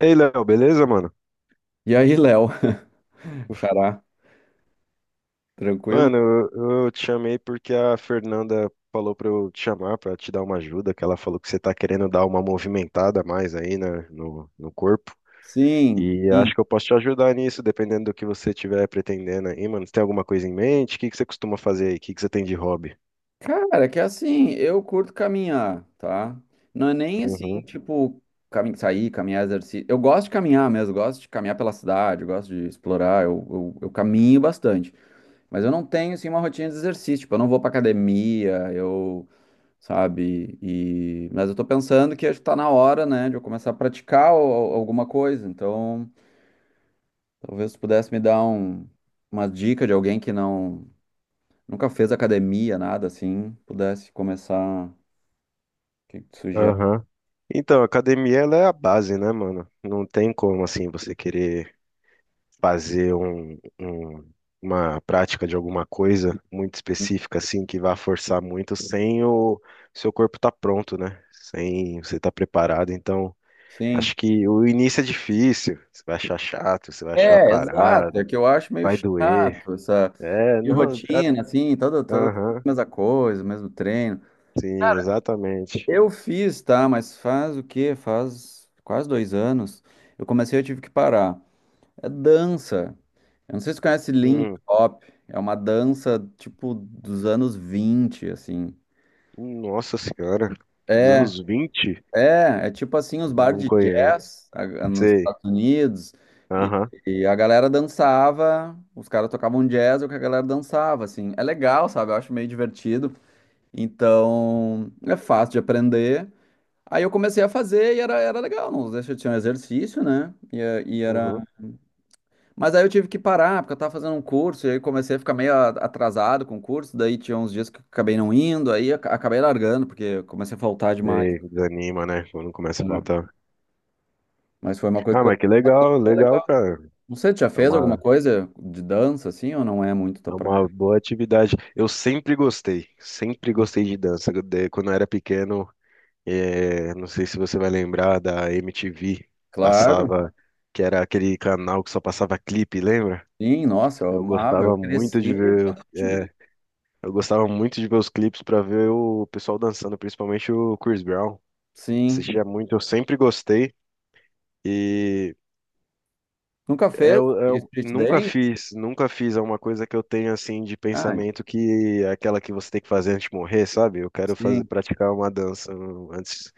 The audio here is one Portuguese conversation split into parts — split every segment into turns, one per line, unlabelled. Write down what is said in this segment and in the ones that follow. Ei, Léo, beleza, mano?
E aí, Léo? Xará, tranquilo?
Mano, eu te chamei porque a Fernanda falou pra eu te chamar, pra te dar uma ajuda, que ela falou que você tá querendo dar uma movimentada a mais aí, né, no corpo.
Sim,
E
sim.
acho que eu posso te ajudar nisso, dependendo do que você estiver pretendendo aí, mano. Você tem alguma coisa em mente? O que que você costuma fazer aí? O que que você tem de hobby?
Cara, que assim, eu curto caminhar, tá? Não é nem assim,
Uhum.
tipo, sair, caminhar, exercício. Eu gosto de caminhar mesmo, gosto de caminhar pela cidade, gosto de explorar, eu caminho bastante. Mas eu não tenho, assim, uma rotina de exercício, tipo, eu não vou pra academia, eu, sabe? E... Mas eu tô pensando que acho que tá na hora, né, de eu começar a praticar alguma coisa, então... Talvez tu pudesse me dar uma dica de alguém que nunca fez academia, nada assim, pudesse começar. O que que tu sugere?
Aham. Então, a academia, ela é a base, né, mano? Não tem como, assim, você querer fazer um, um- uma prática de alguma coisa muito específica, assim, que vá forçar muito sem o seu corpo estar pronto, né? Sem você estar preparado. Então,
Sim.
acho que o início é difícil. Você vai achar chato, você vai achar
É, exato. É
parada,
que eu acho meio
vai doer.
chato essa
É, não. a-
rotina, assim, toda a
Aham,
mesma coisa, mesmo treino.
sim, exatamente.
Eu fiz, tá? Mas faz o quê? Faz quase dois anos. Eu comecei, eu tive que parar. É dança. Eu não sei se tu conhece Lindy
Hum,
Hop. É uma dança, tipo, dos anos 20 assim.
nossa senhora, dos
É,
anos 20.
é tipo assim os bar
Não
de
conheço.
jazz nos
Sei.
Estados Unidos e,
Aham,
e a galera dançava, os caras tocavam jazz, é o que a galera dançava, assim. É legal, sabe? Eu acho meio divertido. Então, é fácil de aprender. Aí eu comecei a fazer e era legal, não deixa, tinha um exercício, né? E era...
uhum,
Mas aí eu tive que parar, porque eu tava fazendo um curso e aí comecei a ficar meio atrasado com o curso, daí tinha uns dias que eu acabei não indo, aí acabei largando, porque eu comecei a faltar demais.
sei. Desanima, né? Quando começa a
Né?
faltar.
Mas foi uma coisa
Ah,
que eu
mas que legal, legal, cara.
você já
É
fez alguma
uma,
coisa de dança assim ou não é muito tua
é uma
praia?
boa atividade. Eu sempre gostei de dança. Quando eu era pequeno, não sei se você vai lembrar da MTV,
Claro,
passava, que era aquele canal que só passava clipe, lembra?
sim, nossa, eu
Eu
amava, eu
gostava muito
cresci
de
vendo
ver, os-
MTV.
eh, eu gostava muito de ver os clipes para ver o pessoal dançando, principalmente o Chris Brown.
Sim.
Assistia muito, eu sempre gostei. E
Nunca fez
eu
street
nunca
dance?
fiz, nunca fiz é uma coisa que eu tenho assim de
Ah,
pensamento que é aquela que você tem que fazer antes de morrer, sabe? Eu quero fazer
sim.
praticar uma dança um, antes,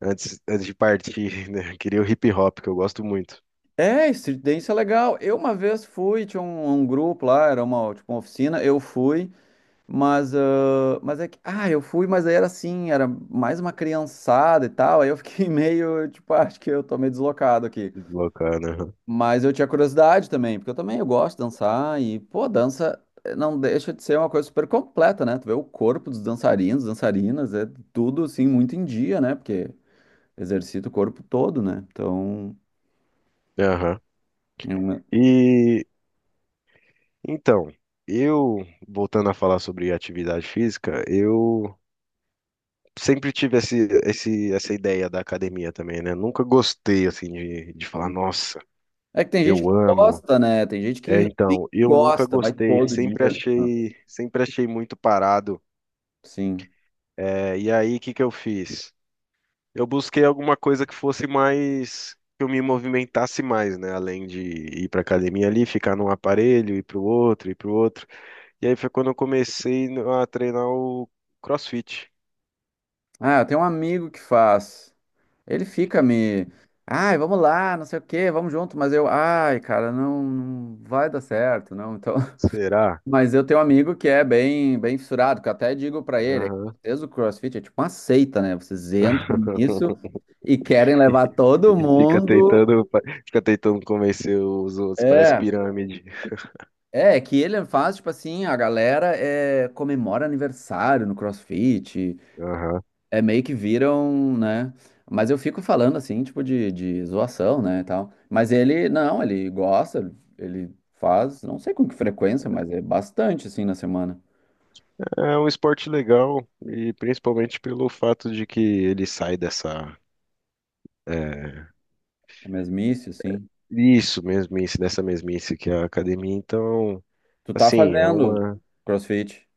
antes, antes de partir, né? Queria o hip hop, que eu gosto muito.
É, street dance é legal. Eu uma vez fui, tinha um grupo lá, era uma, tipo, uma oficina, eu fui, mas, ah, mas é que, ah, eu fui, mas aí era assim, era mais uma criançada e tal, aí eu fiquei meio, tipo, ah, acho que eu tô meio deslocado aqui.
Bacana.
Mas eu tinha curiosidade também, porque eu também eu gosto de dançar e, pô, dança não deixa de ser uma coisa super completa, né? Tu vê o corpo dos dançarinos, dançarinas, é tudo assim muito em dia, né? Porque exercita o corpo todo, né? Então,
Aham. Aham.
é uma-
E então, eu voltando a falar sobre atividade física, eu sempre tive essa ideia da academia também, né? Nunca gostei assim de falar, nossa,
é que tem gente que
eu amo.
gosta, né? Tem gente que
É,
realmente
então, eu nunca
gosta, vai
gostei,
todo dia. Ah,
sempre achei muito parado.
sim.
É, e aí, o que que eu fiz? Eu busquei alguma coisa que fosse mais, que eu me movimentasse mais, né? Além de ir para academia ali, ficar num aparelho, ir para o outro, ir para o outro. E aí foi quando eu comecei no- a treinar o CrossFit.
Ah, eu tenho um amigo que faz. Ele fica me, ai, vamos lá, não sei o quê, vamos junto, mas eu, ai, cara, não, não vai dar certo, não. Então,
Será?
mas eu tenho um amigo que é bem, bem fissurado, que eu até digo pra ele, é que
Aham.
vocês o CrossFit é tipo uma seita, né? Vocês entram nisso e querem levar todo
Fica
mundo.
tentando, fica tentando convencer os outros, parece
É,
pirâmide.
é, que ele faz, tipo assim, a galera comemora aniversário no CrossFit,
Aham.
é meio que viram, né? Mas eu fico falando assim, tipo, de zoação, né, e tal. Mas ele, não, ele gosta, ele faz, não sei com que frequência, mas é bastante, assim, na semana.
É um esporte legal e principalmente pelo fato de que ele sai dessa é,
É mesmice, assim.
isso mesmice, dessa mesmice que é a academia. Então,
Tu tá
assim, é
fazendo
uma
CrossFit?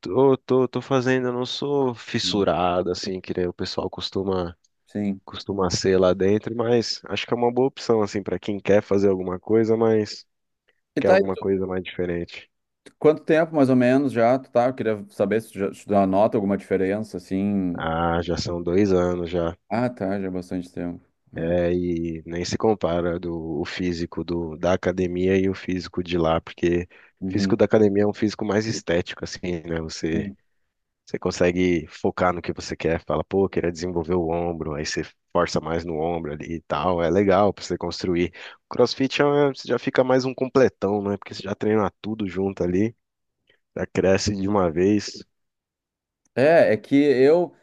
tô fazendo, eu não sou
Não.
fissurado assim, que nem o pessoal
Sim.
costuma ser lá dentro, mas acho que é uma boa opção assim para quem quer fazer alguma coisa, mas
E
quer
tá aí,
alguma coisa mais diferente.
quanto tempo mais ou menos já tu tá? Eu queria saber se tu já nota alguma diferença, assim.
Ah, já são 2 anos já.
Ah, tá, já é bastante tempo.
É, e nem se compara do, o físico do, da academia e o físico de lá, porque o físico
Uhum.
da academia é um físico mais estético, assim, né? Você,
Sim.
você consegue focar no que você quer, fala, pô, queria desenvolver o ombro, aí você força mais no ombro ali e tal, é legal pra você construir. O CrossFit é, uma- você já fica mais um completão, né? Porque você já treina tudo junto ali, já cresce de uma vez.
É, que eu,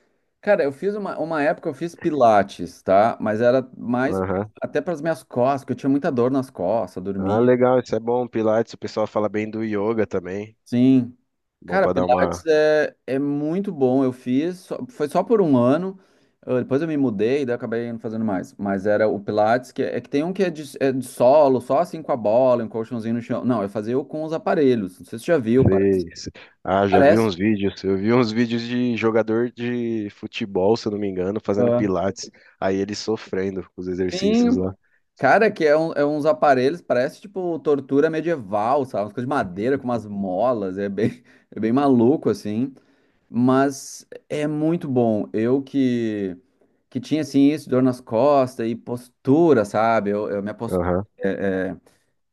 cara, eu fiz uma, época eu fiz pilates, tá? Mas era mais
Aham.
até para as minhas costas, porque eu tinha muita dor nas costas,
Ah,
dormia.
legal, isso é bom. Pilates, o pessoal fala bem do yoga também,
Sim.
bom
Cara,
pra dar
Pilates
uma.
é muito bom. Eu fiz, foi só por um ano. Depois eu me mudei, daí eu acabei não fazendo mais. Mas era o Pilates, que é que tem um que é é de solo, só assim com a bola, um colchãozinho no chão. Não, eu fazia o com os aparelhos. Não sei se você já viu, parece.
Sei, sei. Ah, já vi
Parece.
uns vídeos. Eu vi uns vídeos de jogador de futebol, se eu não me engano, fazendo
Ah.
pilates. Aí ele sofrendo com os exercícios
Sim,
lá.
cara, que é, é uns aparelhos, parece tipo tortura medieval, sabe? Umas coisas de madeira com umas molas, é bem, é bem maluco, assim. Mas é muito bom. Eu que, tinha assim isso, dor nas costas e postura, sabe? Eu, minha postura
Aham,
é, é,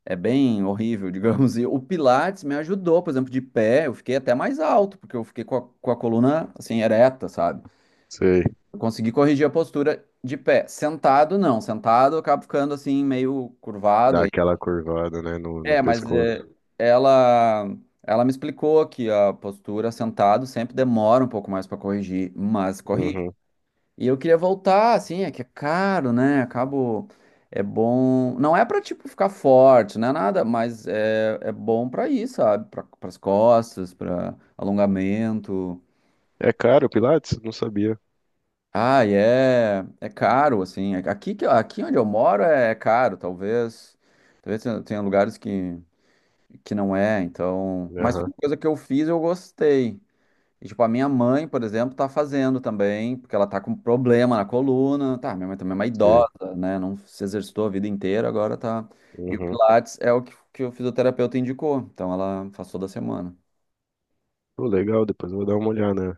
é bem horrível, digamos. E o Pilates me ajudou, por exemplo, de pé, eu fiquei até mais alto, porque eu fiquei com a coluna assim ereta, sabe?
sei.
Eu consegui corrigir a postura de pé. Sentado, não. Sentado, eu acabo ficando assim meio curvado
Dá
aí.
aquela curvada, né, no, no
É, mas é,
pescoço.
ela ela me explicou que a postura sentado sempre demora um pouco mais para corrigir, mas corrige.
Uhum.
E eu queria voltar, assim, é que é caro, né? Acabo. É bom. Não é pra, tipo, ficar forte, não é nada, mas é bom pra ir, sabe? Pras costas, pra alongamento.
É caro o pilates? Não sabia.
Ah, e é caro, assim. Aqui, aqui onde eu moro é caro, talvez. Talvez tenha lugares que não é, então. Mas foi
Aham,
uma coisa que eu fiz, eu gostei. E, tipo, a minha mãe, por exemplo, tá fazendo também, porque ela tá com problema na coluna. Tá, minha mãe também é uma
sei.
idosa, né? Não se exercitou a vida inteira, agora tá. E o
Uhum.
Pilates é o que, que o fisioterapeuta indicou. Então ela faz toda semana.
Pô, legal, depois eu vou dar uma olhada.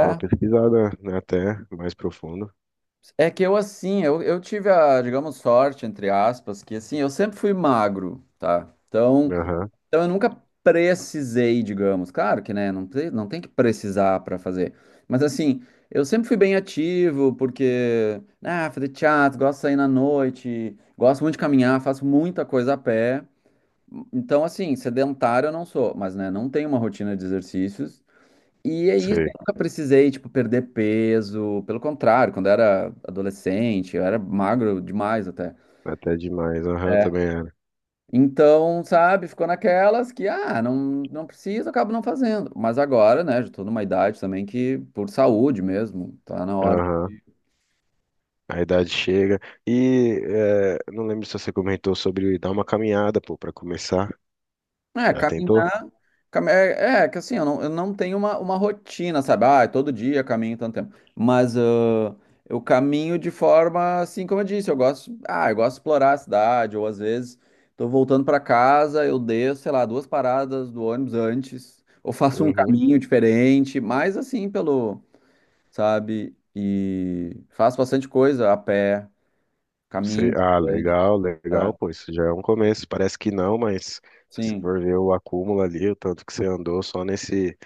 Dá uma pesquisada, né, até mais profundo.
é, que eu assim, eu tive a, digamos, sorte, entre aspas, que assim, eu sempre fui magro, tá? Então,
Aham,
Eu nunca precisei, digamos. Claro que, né, não tem que precisar para fazer. Mas assim, eu sempre fui bem ativo, porque, ah, fazer teatro, gosto de sair na noite, gosto muito de caminhar, faço muita coisa a pé. Então, assim, sedentário eu não sou, mas, né, não tenho uma rotina de exercícios. E é isso, eu
sei.
nunca precisei, tipo, perder peso. Pelo contrário, quando eu era adolescente, eu era magro demais até.
Até demais. Aham, eu também era.
Então, sabe, ficou naquelas que, ah, não, não preciso, acabo não fazendo. Mas agora, né, já tô numa idade também que, por saúde mesmo, tá na hora.
Aham. A idade chega. E é, não lembro se você comentou sobre dar uma caminhada, pô, para começar.
É,
Já tentou?
caminhar, é, que assim, eu não tenho uma rotina, sabe? Ah, é todo dia caminho tanto tempo. Mas ah, eu caminho de forma, assim, como eu disse, eu gosto de explorar a cidade, ou às vezes tô voltando pra casa, eu desço, sei lá, duas paradas do ônibus antes, ou faço um
Uhum.
caminho diferente, mas assim, pelo sabe? E faço bastante coisa a pé,
Você-
caminho
ah,
bastante.
legal,
É,
legal, pô, isso já é um começo. Parece que não, mas se você
sim.
for ver o acúmulo ali, o tanto que você andou só nesse.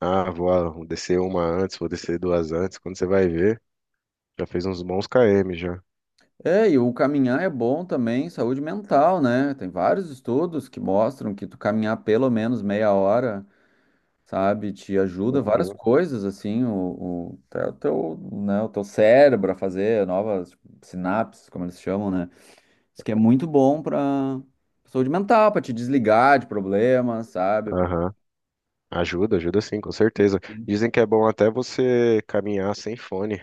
Ah, vou descer uma antes, vou descer duas antes. Quando você vai ver, já fez uns bons km já.
É, e o caminhar é bom também, saúde mental, né? Tem vários estudos que mostram que tu caminhar pelo menos meia hora, sabe, te ajuda várias
Uhum.
coisas, assim, até o teu, né, o teu cérebro a fazer novas sinapses, como eles chamam, né? Isso que é muito bom pra saúde mental, pra te desligar de problemas, sabe?
Aham. Ajuda, ajuda sim, com certeza. Dizem que é bom até você caminhar sem fone.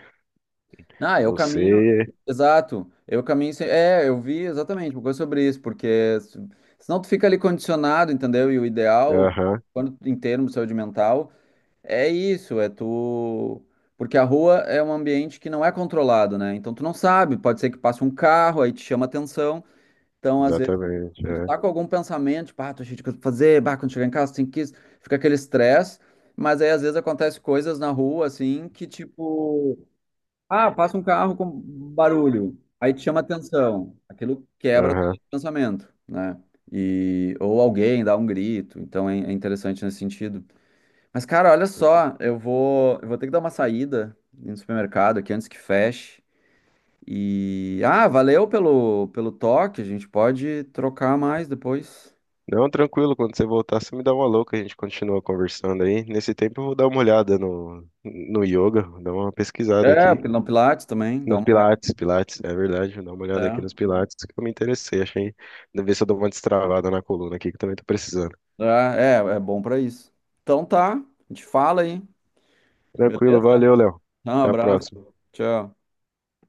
Ah, eu caminho.
Você.
Exato. Eu caminho sem. É, eu vi exatamente uma coisa sobre isso, porque senão tu fica ali condicionado, entendeu? E o ideal,
Aham,
quando em termos de saúde mental, é isso, é tu. Porque a rua é um ambiente que não é controlado, né? Então tu não sabe, pode ser que passe um carro, aí te chama atenção. Então, às vezes,
exatamente.
tu
É.
tá com algum pensamento, tipo, ah, tô cheio de coisa pra fazer, bah, quando chegar em casa tem que isso, fica aquele estresse, mas aí às vezes acontece coisas na rua, assim, que tipo. Ah, passa um carro com barulho, aí te chama atenção, aquilo quebra o
Aham.
pensamento, né? E, ou alguém dá um grito, então é interessante nesse sentido. Mas, cara, olha só, eu vou ter que dar uma saída no supermercado aqui antes que feche. E, ah, valeu pelo toque, a gente pode trocar mais depois.
Não, tranquilo, quando você voltar, você me dá uma louca, a gente continua conversando aí. Nesse tempo eu vou dar uma olhada no yoga, vou dar uma pesquisada
É,
aqui.
no Pilates também, dá uma.
Pilates, é verdade, vou dar uma olhada aqui
É,
nos Pilates, que eu me interessei, achei. Deve ver se eu dou uma destravada na coluna aqui, que eu também tô precisando.
é bom pra isso. Então tá, a gente fala aí,
Tranquilo,
beleza?
valeu, Léo.
Um
Até a
abraço,
próxima.
tchau.